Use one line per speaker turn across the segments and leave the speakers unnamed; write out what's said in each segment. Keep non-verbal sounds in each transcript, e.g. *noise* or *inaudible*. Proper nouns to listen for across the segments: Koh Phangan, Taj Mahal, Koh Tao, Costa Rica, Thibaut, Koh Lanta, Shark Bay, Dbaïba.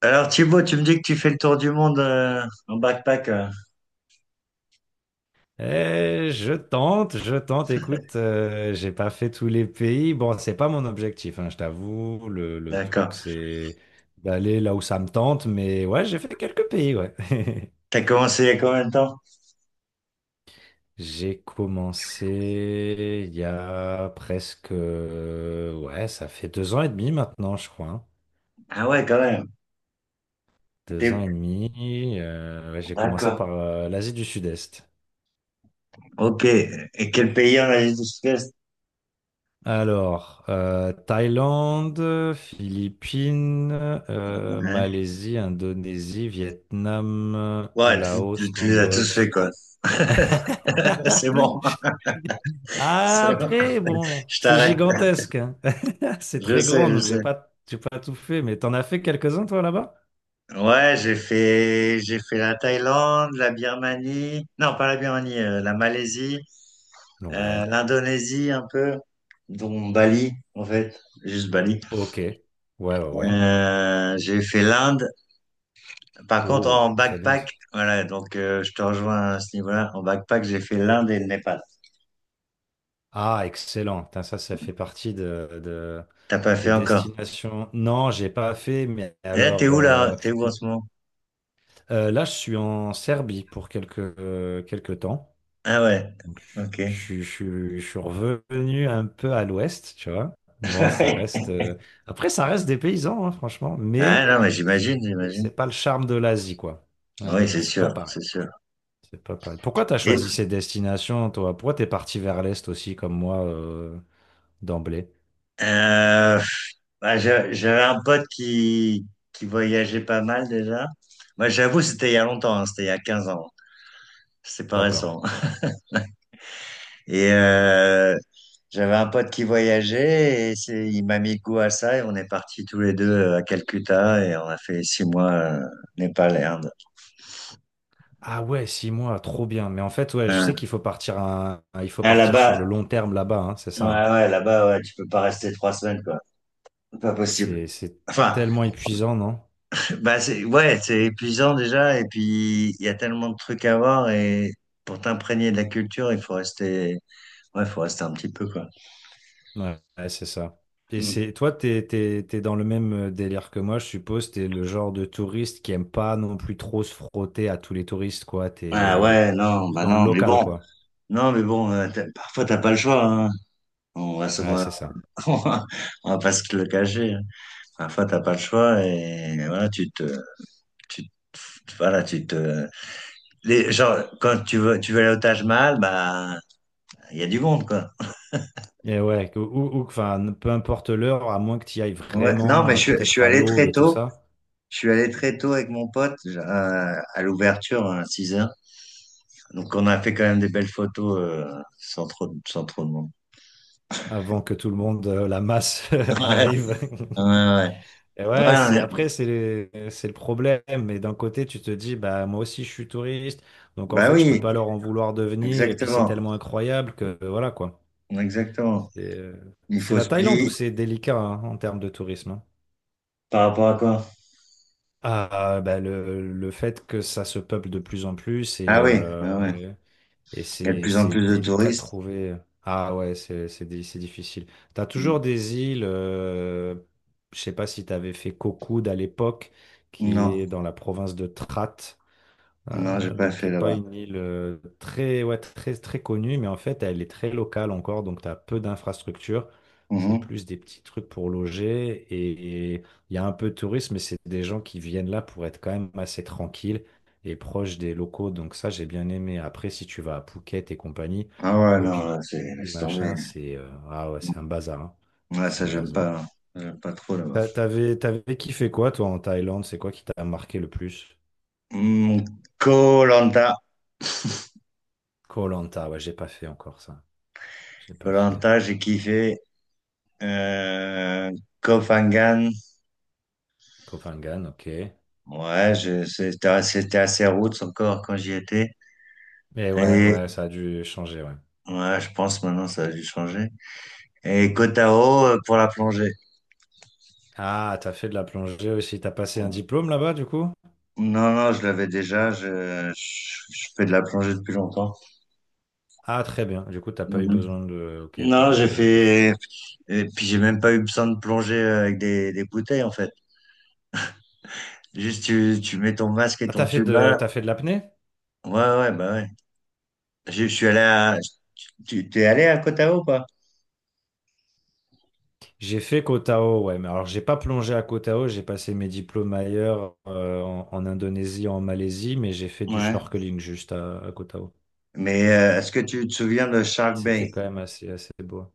Alors Thibaut, tu me dis que tu fais le tour du monde en backpack.
Eh, je tente, je tente. Écoute, j'ai pas fait tous les pays. Bon, c'est pas mon objectif, hein, je t'avoue. Le truc,
D'accord.
c'est d'aller là où ça me tente. Mais ouais, j'ai fait quelques pays, ouais. *laughs*
T'as commencé il y a combien de temps?
J'ai commencé il y a presque, ouais, ça fait 2 ans et demi maintenant, je crois, hein.
Ah ouais, quand même.
Deux ans et
T'es-
demi. Ouais, j'ai commencé par
D'accord.
l'Asie du Sud-Est.
Ok. Et quel pays en Asie du Sud-Est?
Alors, Thaïlande, Philippines,
Ouais,
Malaisie, Indonésie, Vietnam,
ouais, tu,
Laos,
tu, tu les as tous fait
Cambodge.
quoi. *laughs* C'est
*laughs*
bon. C'est bon.
Après, bon,
Je
c'est
t'arrête.
gigantesque, hein. *laughs* C'est
Je
très
sais,
grand,
je
donc j'ai
sais.
pas, j'ai pas tout fait. Mais t'en as fait quelques-uns, toi, là-bas?
Ouais, j'ai fait la Thaïlande, la Birmanie, non pas la Birmanie, la Malaisie,
Ouais.
l'Indonésie un peu, dont Bali en fait, juste Bali.
Ok. Ouais, ouais, ouais.
J'ai fait l'Inde. Par contre, en
Oh, très bien ça.
backpack, voilà, donc je te rejoins à ce niveau-là. En backpack, j'ai fait l'Inde et le Népal.
Ah, excellent. Putain, ça fait partie de, de,
T'as pas
de
fait encore.
destination. Non, j'ai pas fait, mais
Et
alors
là? T'es où en ce moment?
là, je suis en Serbie pour quelques temps.
Ah ouais,
Donc,
ok.
je suis revenu un peu à l'ouest, tu vois. Bon, ça reste.
*laughs*
Après, ça reste des paysans, hein, franchement, mais
Ah non, mais
c'est
j'imagine, j'imagine.
c'est pas le charme de l'Asie, quoi.
Oui, c'est
C'est pas
sûr,
pareil.
c'est sûr.
C'est pas pareil. Pourquoi t'as
Et,
choisi ces destinations, toi? Pourquoi t'es parti vers l'est aussi, comme moi, d'emblée?
euh, bah, j'avais un pote qui voyageait pas mal déjà. Moi, j'avoue, c'était il y a longtemps, hein, c'était il y a 15 ans. C'est pas
D'accord.
récent. Et j'avais un pote qui voyageait et il m'a mis goût à ça et on est partis tous les deux à Calcutta et on a fait 6 mois Népal et Inde.
Ah ouais, 6 mois, trop bien. Mais en fait, ouais, je sais
Ouais.
qu'il faut partir il faut
Ah,
partir sur le
là-bas,
long terme là-bas, hein, c'est
ouais,
ça, hein.
ouais, là-bas, ouais, tu peux pas rester 3 semaines, quoi. Pas possible.
C'est
Enfin,
tellement épuisant, non?
bah c'est, ouais, c'est épuisant déjà et puis il y a tellement de trucs à voir et pour t'imprégner de la culture, il faut rester, ouais, faut rester un petit peu, quoi.
Ouais, ouais, c'est ça. Et
Mm.
c'est toi, t'es dans le même délire que moi, je suppose. T'es le genre de touriste qui aime pas non plus trop se frotter à tous les touristes, quoi.
Ah
T'es
ouais, non,
plus
bah
dans le
non, mais
local,
bon,
quoi.
non, mais bon, parfois t'as pas le choix, hein. On va se *laughs*
Ouais, c'est
On
ça.
va on va pas se le cacher, hein. Parfois, t'as pas le choix et voilà, voilà, genre, quand tu veux aller au Taj Mahal, bah, il y a du monde, quoi.
Et ouais, enfin, peu importe l'heure, à moins que tu y ailles
Ouais, non,
vraiment,
mais je suis
peut-être à
allé
l'aube
très
et tout
tôt.
ça.
Je suis allé très tôt avec mon pote à l'ouverture hein, à 6 heures. Donc, on a fait quand même des belles photos sans trop de monde.
Avant que tout le monde, la masse *laughs* arrive.
*laughs* Ouais, ouais,
*laughs*
ouais.
Et ouais,
Ouais,
c'est après, c'est le problème. Mais d'un côté, tu te dis, bah moi aussi, je suis touriste, donc en
bah
fait, je peux
oui,
pas leur en vouloir de venir. Et puis, c'est
exactement.
tellement incroyable que voilà quoi.
Exactement.
C'est euh,
Il
c'est
faut
la
se
Thaïlande où
plier
c'est délicat, hein, en termes de tourisme, hein.
par rapport à quoi?
Ah, bah, le fait que ça se peuple de plus en plus
Ah
et,
oui, ouais, ouais.
et
Il y a de
c'est
plus en
c'est
plus de
délicat de
touristes.
trouver. Ah ouais, c'est difficile. T'as toujours des îles, je sais pas si t'avais fait Cocoud à l'époque, qui
Non,
est dans la province de Trat.
non, j'ai pas
Donc, qui
fait
n'est pas
là-bas.
une île très, ouais, très, très connue, mais en fait, elle est très locale encore, donc tu as peu d'infrastructures. C'est
Mhm.
plus des petits trucs pour loger et il y a un peu de tourisme, mais c'est des gens qui viennent là pour être quand même assez tranquilles et proches des locaux. Donc ça, j'ai bien aimé. Après, si tu vas à Phuket et compagnie,
Ah ouais,
Koh
non,
Phi
là, c'est
Phi,
laisse tomber.
machin, c'est, ah ouais, c'est un bazar, hein.
Ouais,
C'est
ça,
un
j'aime pas
bazar.
là. J'aime pas trop là-bas.
T'avais kiffé quoi, toi, en Thaïlande? C'est quoi qui t'a marqué le plus?
Koh Lanta
Koh Lanta, ouais, j'ai pas fait encore ça. J'ai
Koh
pas fait.
Lanta, j'ai kiffé. Euh, Koh Phangan.
Copenhague, ok.
Ouais, c'était assez roots encore quand j'y étais.
Mais ouais,
Et
ouais, ça a dû changer, ouais.
ouais, je pense maintenant ça a dû changer. Et Koh Tao pour la plongée.
Ah, t'as fait de la plongée aussi. T'as passé un diplôme là-bas, du coup?
Non, non, je l'avais déjà. Je fais de la plongée depuis longtemps.
Ah, très bien. Du coup, t'as pas eu
Mhm.
besoin de. Ok,
Non, j'ai fait, et puis j'ai même pas eu besoin de plonger avec des bouteilles en fait. Juste tu mets ton masque et
Ah,
ton
t'as fait de,
tuba.
t'as fait de l'apnée?
Ouais, ouais, bah ouais. Je suis allé à, tu t'es allé à Koh Tao ou pas?
J'ai fait Koh Tao, ouais. Mais alors, j'ai pas plongé à Koh Tao. J'ai passé mes diplômes ailleurs, en Indonésie, en Malaisie, mais j'ai fait du
Ouais.
snorkeling juste à Koh Tao.
Mais est-ce que tu te souviens de Shark
C'était
Bay
quand même assez, assez beau.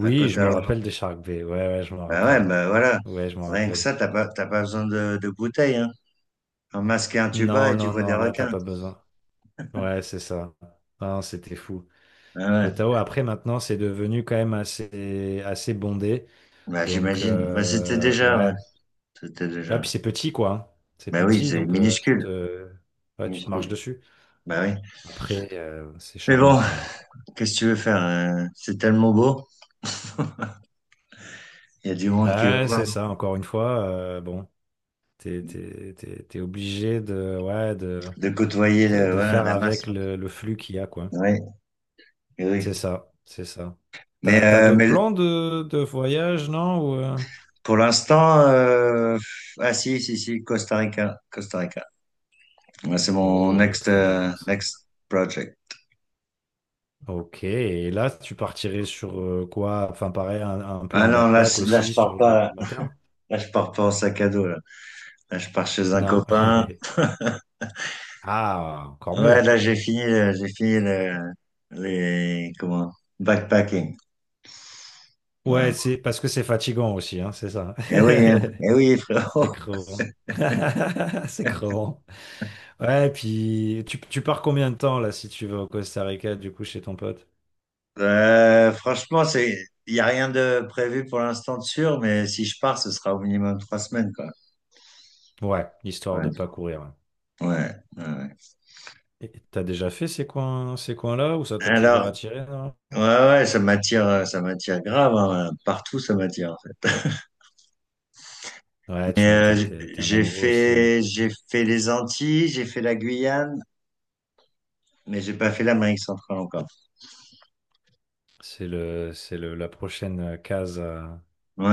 à Koh
je me rappelle
Tao?
des Shark Bay. Ouais, ouais, je m'en
Bah ouais,
rappelle.
bah voilà.
Ouais, je m'en
Rien que
rappelle.
ça, t'as pas besoin de bouteilles, hein. Un masque et un tuba
Non,
et tu
non,
vois des
non, là, t'as
requins.
pas besoin. Ouais, c'est ça. Non, c'était fou.
Ah
Kotao,
ouais.
après, maintenant, c'est devenu quand même assez, assez bondé.
Bah
Donc,
j'imagine. Bah c'était déjà, ouais.
ouais.
C'était
Ah,
déjà.
puis c'est petit, quoi, hein. C'est
Bah oui,
petit,
c'est
donc
minuscule.
ouais, tu te marches
Minuscule.
dessus.
Bah oui.
Après, c'est
Mais
charmant
bon.
quand même.
Qu'est-ce que tu veux faire? C'est tellement beau. Il y a du monde qui va
Ouais,
voir,
c'est ça, encore une fois. Bon, t'es obligé ouais, de,
de côtoyer
de, de
voilà,
faire
la masse.
avec le flux qu'il y a, quoi.
Oui,
C'est
oui.
ça, c'est ça.
Mais,
T'as
euh,
d'autres
mais
plans de voyage, non?
pour l'instant, ah si, si, si, Costa Rica. Costa Rica. Ouais, c'est mon
Oh,
next,
très
euh,
bien, ça.
next project.
Ok, et là, tu partirais sur quoi? Enfin, pareil, un
Ah
plan
non, là,
backpack
là, je
aussi
pars
sur du
pas.
plus long terme?
Là, je pars pas en sac à dos, là. Là, je pars chez un
Non.
copain.
*laughs* Ah, encore
Ouais,
mieux.
là, j'ai fini les, comment, backpacking. Ouais.
Ouais, c'est parce que c'est fatigant aussi, hein, c'est ça.
Eh oui, hein.
*laughs*
Eh oui,
C'est
frérot.
crevant. *laughs* C'est crevant. Ouais, et puis tu pars combien de temps là si tu vas au Costa Rica, du coup, chez ton pote?
Franchement, il n'y a rien de prévu pour l'instant de sûr, mais si je pars, ce sera au minimum 3 semaines, quoi.
Ouais, histoire de
Ouais,
pas courir, hein.
ouais, ouais. Ouais.
Et t'as déjà fait ces coins, ces coins-là ou ça t'a toujours
Alors,
attiré, non?
ouais, ouais, ça m'attire grave, hein, partout, ça m'attire, en fait.
Ouais,
Mais
tu m'étonnes, t'es un
j'ai
amoureux aussi, ouais.
fait, j'ai fait les Antilles, j'ai fait la Guyane, mais j'ai pas fait l'Amérique centrale encore.
La prochaine case à,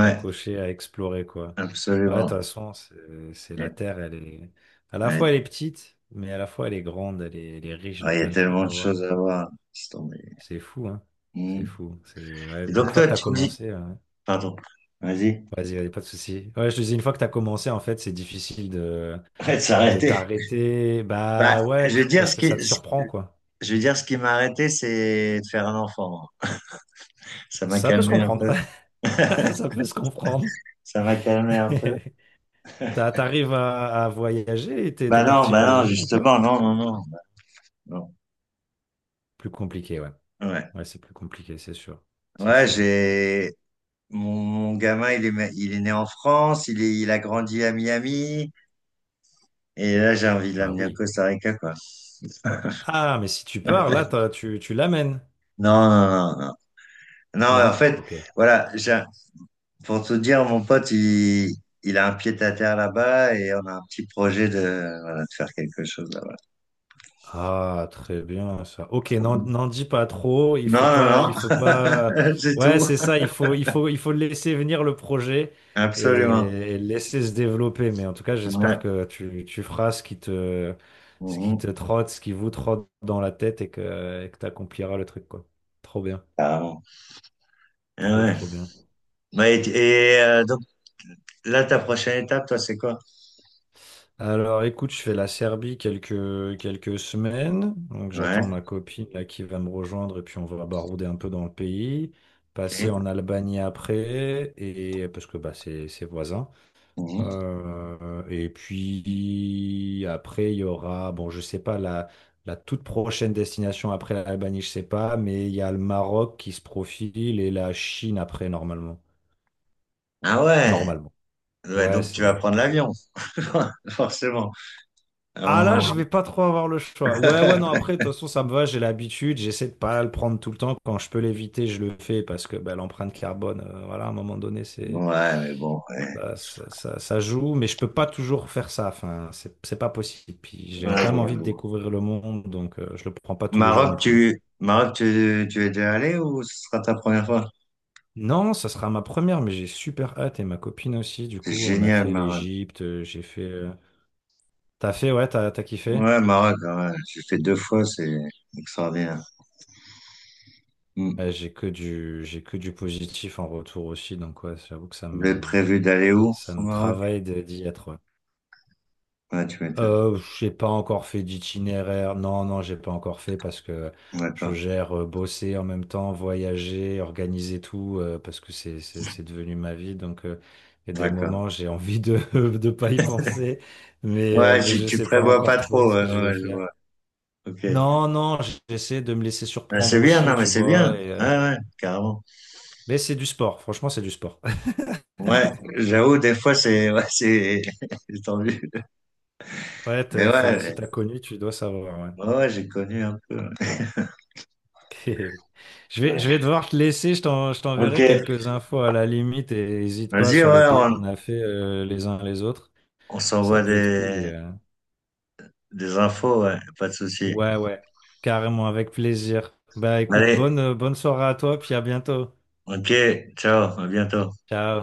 à cocher, à explorer, quoi. Ouais, de toute
absolument.
façon, c'est la
Ouais,
Terre, elle est. À la
ouais.
fois, elle est petite, mais à la fois, elle est grande, elle est riche de
Ah, il y a
plein de trucs
tellement de
à voir.
choses à voir. Laisse tomber.
C'est fou, hein? C'est
Mm.
fou. C'est. Ouais,
Et
mais une
donc
fois
toi,
que t'as
tu me dis,
commencé, ouais.
pardon, vas-y,
Vas-y, vas-y, pas de souci. Ouais, je te dis, une fois que t'as commencé, en fait, c'est difficile de,
arrête de
de
s'arrêter.
t'arrêter.
Bah,
Bah ouais, puis parce que ça te surprend, quoi.
je veux dire, ce qui m'a arrêté, c'est de faire un enfant. Ça m'a
Ça peut se
calmé un
comprendre.
peu.
*laughs*
*laughs*
Ça peut se comprendre.
Ça m'a calmé un peu.
*laughs* T'arrives à voyager? T'es t'es parti
Bah non,
voyager un peu?
justement, non, non, non, bah non.
Plus compliqué, ouais.
Ouais,
Ouais, c'est plus compliqué, c'est sûr. C'est
ouais,
sûr.
j'ai mon gamin, il est né en France, il a grandi à Miami, et là j'ai envie de
Ah
l'amener au
oui.
Costa Rica, quoi.
Ah, mais si tu pars, là, tu l'amènes.
Non, non, non, non. Non, en
Non?
fait,
Ok.
voilà, pour tout dire, mon pote, il a un pied à terre là-bas, et on a un petit projet voilà, de faire quelque chose là-bas.
Ah, très bien ça. Ok, n'en dis pas trop. Il
Non,
faut pas,
non,
il faut pas.
non, *laughs* c'est
Ouais,
tout.
c'est ça. Il faut laisser venir le projet et,
Absolument.
et le laisser se développer. Mais en tout cas,
Ouais.
j'espère que tu feras ce qui te,
Mhm.
trotte, ce qui vous trotte dans la tête et que tu accompliras le truc, quoi. Trop bien,
Carrément. Eh
trop,
ouais.
trop bien.
Ouais, et, donc là, ta prochaine étape, toi, c'est quoi?
Alors écoute, je fais la Serbie quelques semaines. Donc
Ouais.
j'attends ma copine là qui va me rejoindre et puis on va barouder un peu dans le pays. Passer en
Ok.
Albanie après, et parce que bah, c'est voisin.
Mhm.
Et puis après, il y aura, bon, je sais pas, la toute prochaine destination après l'Albanie, je sais pas, mais il y a le Maroc qui se profile et la Chine après, normalement.
Ah ouais.
Normalement.
Ouais,
Ouais,
donc tu vas
c'est.
prendre l'avion, *laughs* forcément. Ah
Ah
bon.
là, je vais pas trop avoir le choix. Ouais, ouais, non,
*laughs*
après, de toute façon, ça me va, j'ai l'habitude, j'essaie de pas le prendre tout le temps. Quand je peux l'éviter, je le fais parce que bah, l'empreinte carbone, voilà, à un moment donné, c'est
Ouais, mais bon. Ouais.
bah, ça joue, mais je peux pas toujours faire ça. Enfin, c'est pas possible. Puis j'ai
Ouais,
quand même envie de
j'avoue.
découvrir le monde, donc je le prends pas tous les jours non plus, hein.
Maroc, tu es déjà allé ou ce sera ta première fois?
Non, ça sera ma première, mais j'ai super hâte et ma copine aussi. Du
C'est
coup, on a
génial,
fait
Maroc.
l'Égypte, j'ai fait. T'as fait, ouais, t'as kiffé?
Ouais, Maroc, ah ouais. J'ai fait deux fois, c'est extraordinaire. Hmm.
Ouais, j'ai que du positif en retour aussi, donc ouais, j'avoue que ça
Vous avez
me,
prévu d'aller où
ça
au
me
Maroc?
travaille d'y être, ouais.
Ouais, tu m'étonnes.
J'ai pas encore fait d'itinéraire, non, non, j'ai pas encore fait parce que je
D'accord,
gère bosser en même temps, voyager, organiser tout, parce que c'est devenu ma vie, donc il y a des
d'accord.
moments j'ai envie *laughs* de pas y penser, mais, euh,
Ouais,
mais
tu,
je
tu
sais pas
prévois
encore
pas
trop
trop,
ce
ouais,
que je vais
ouais, je
faire.
vois. Ok.
Non, non, j'essaie de me laisser
Ben
surprendre
c'est bien,
aussi,
non, mais
tu
c'est bien.
vois,
Ouais, ouais, carrément.
mais c'est du sport, franchement, c'est du sport.
Ouais, j'avoue, des fois, ouais, *laughs* c'est tendu.
Ouais,
Mais
si
ouais,
t'as connu, tu dois savoir, ouais.
ouais, ouais, j'ai connu un peu. Ouais.
*laughs* Je vais
Ouais.
devoir te laisser, je
Ok.
t'enverrai quelques infos à la limite et n'hésite pas
Vas-y,
sur les
ouais,
pays
on,
qu'on a fait les uns les autres.
on
Ça
s'envoie
peut être cool
des,
et
des infos, ouais, pas de souci.
ouais, ouais, carrément avec plaisir. Bah écoute,
Allez,
bonne soirée à toi, puis à bientôt.
ok, ciao, à bientôt.
Ciao.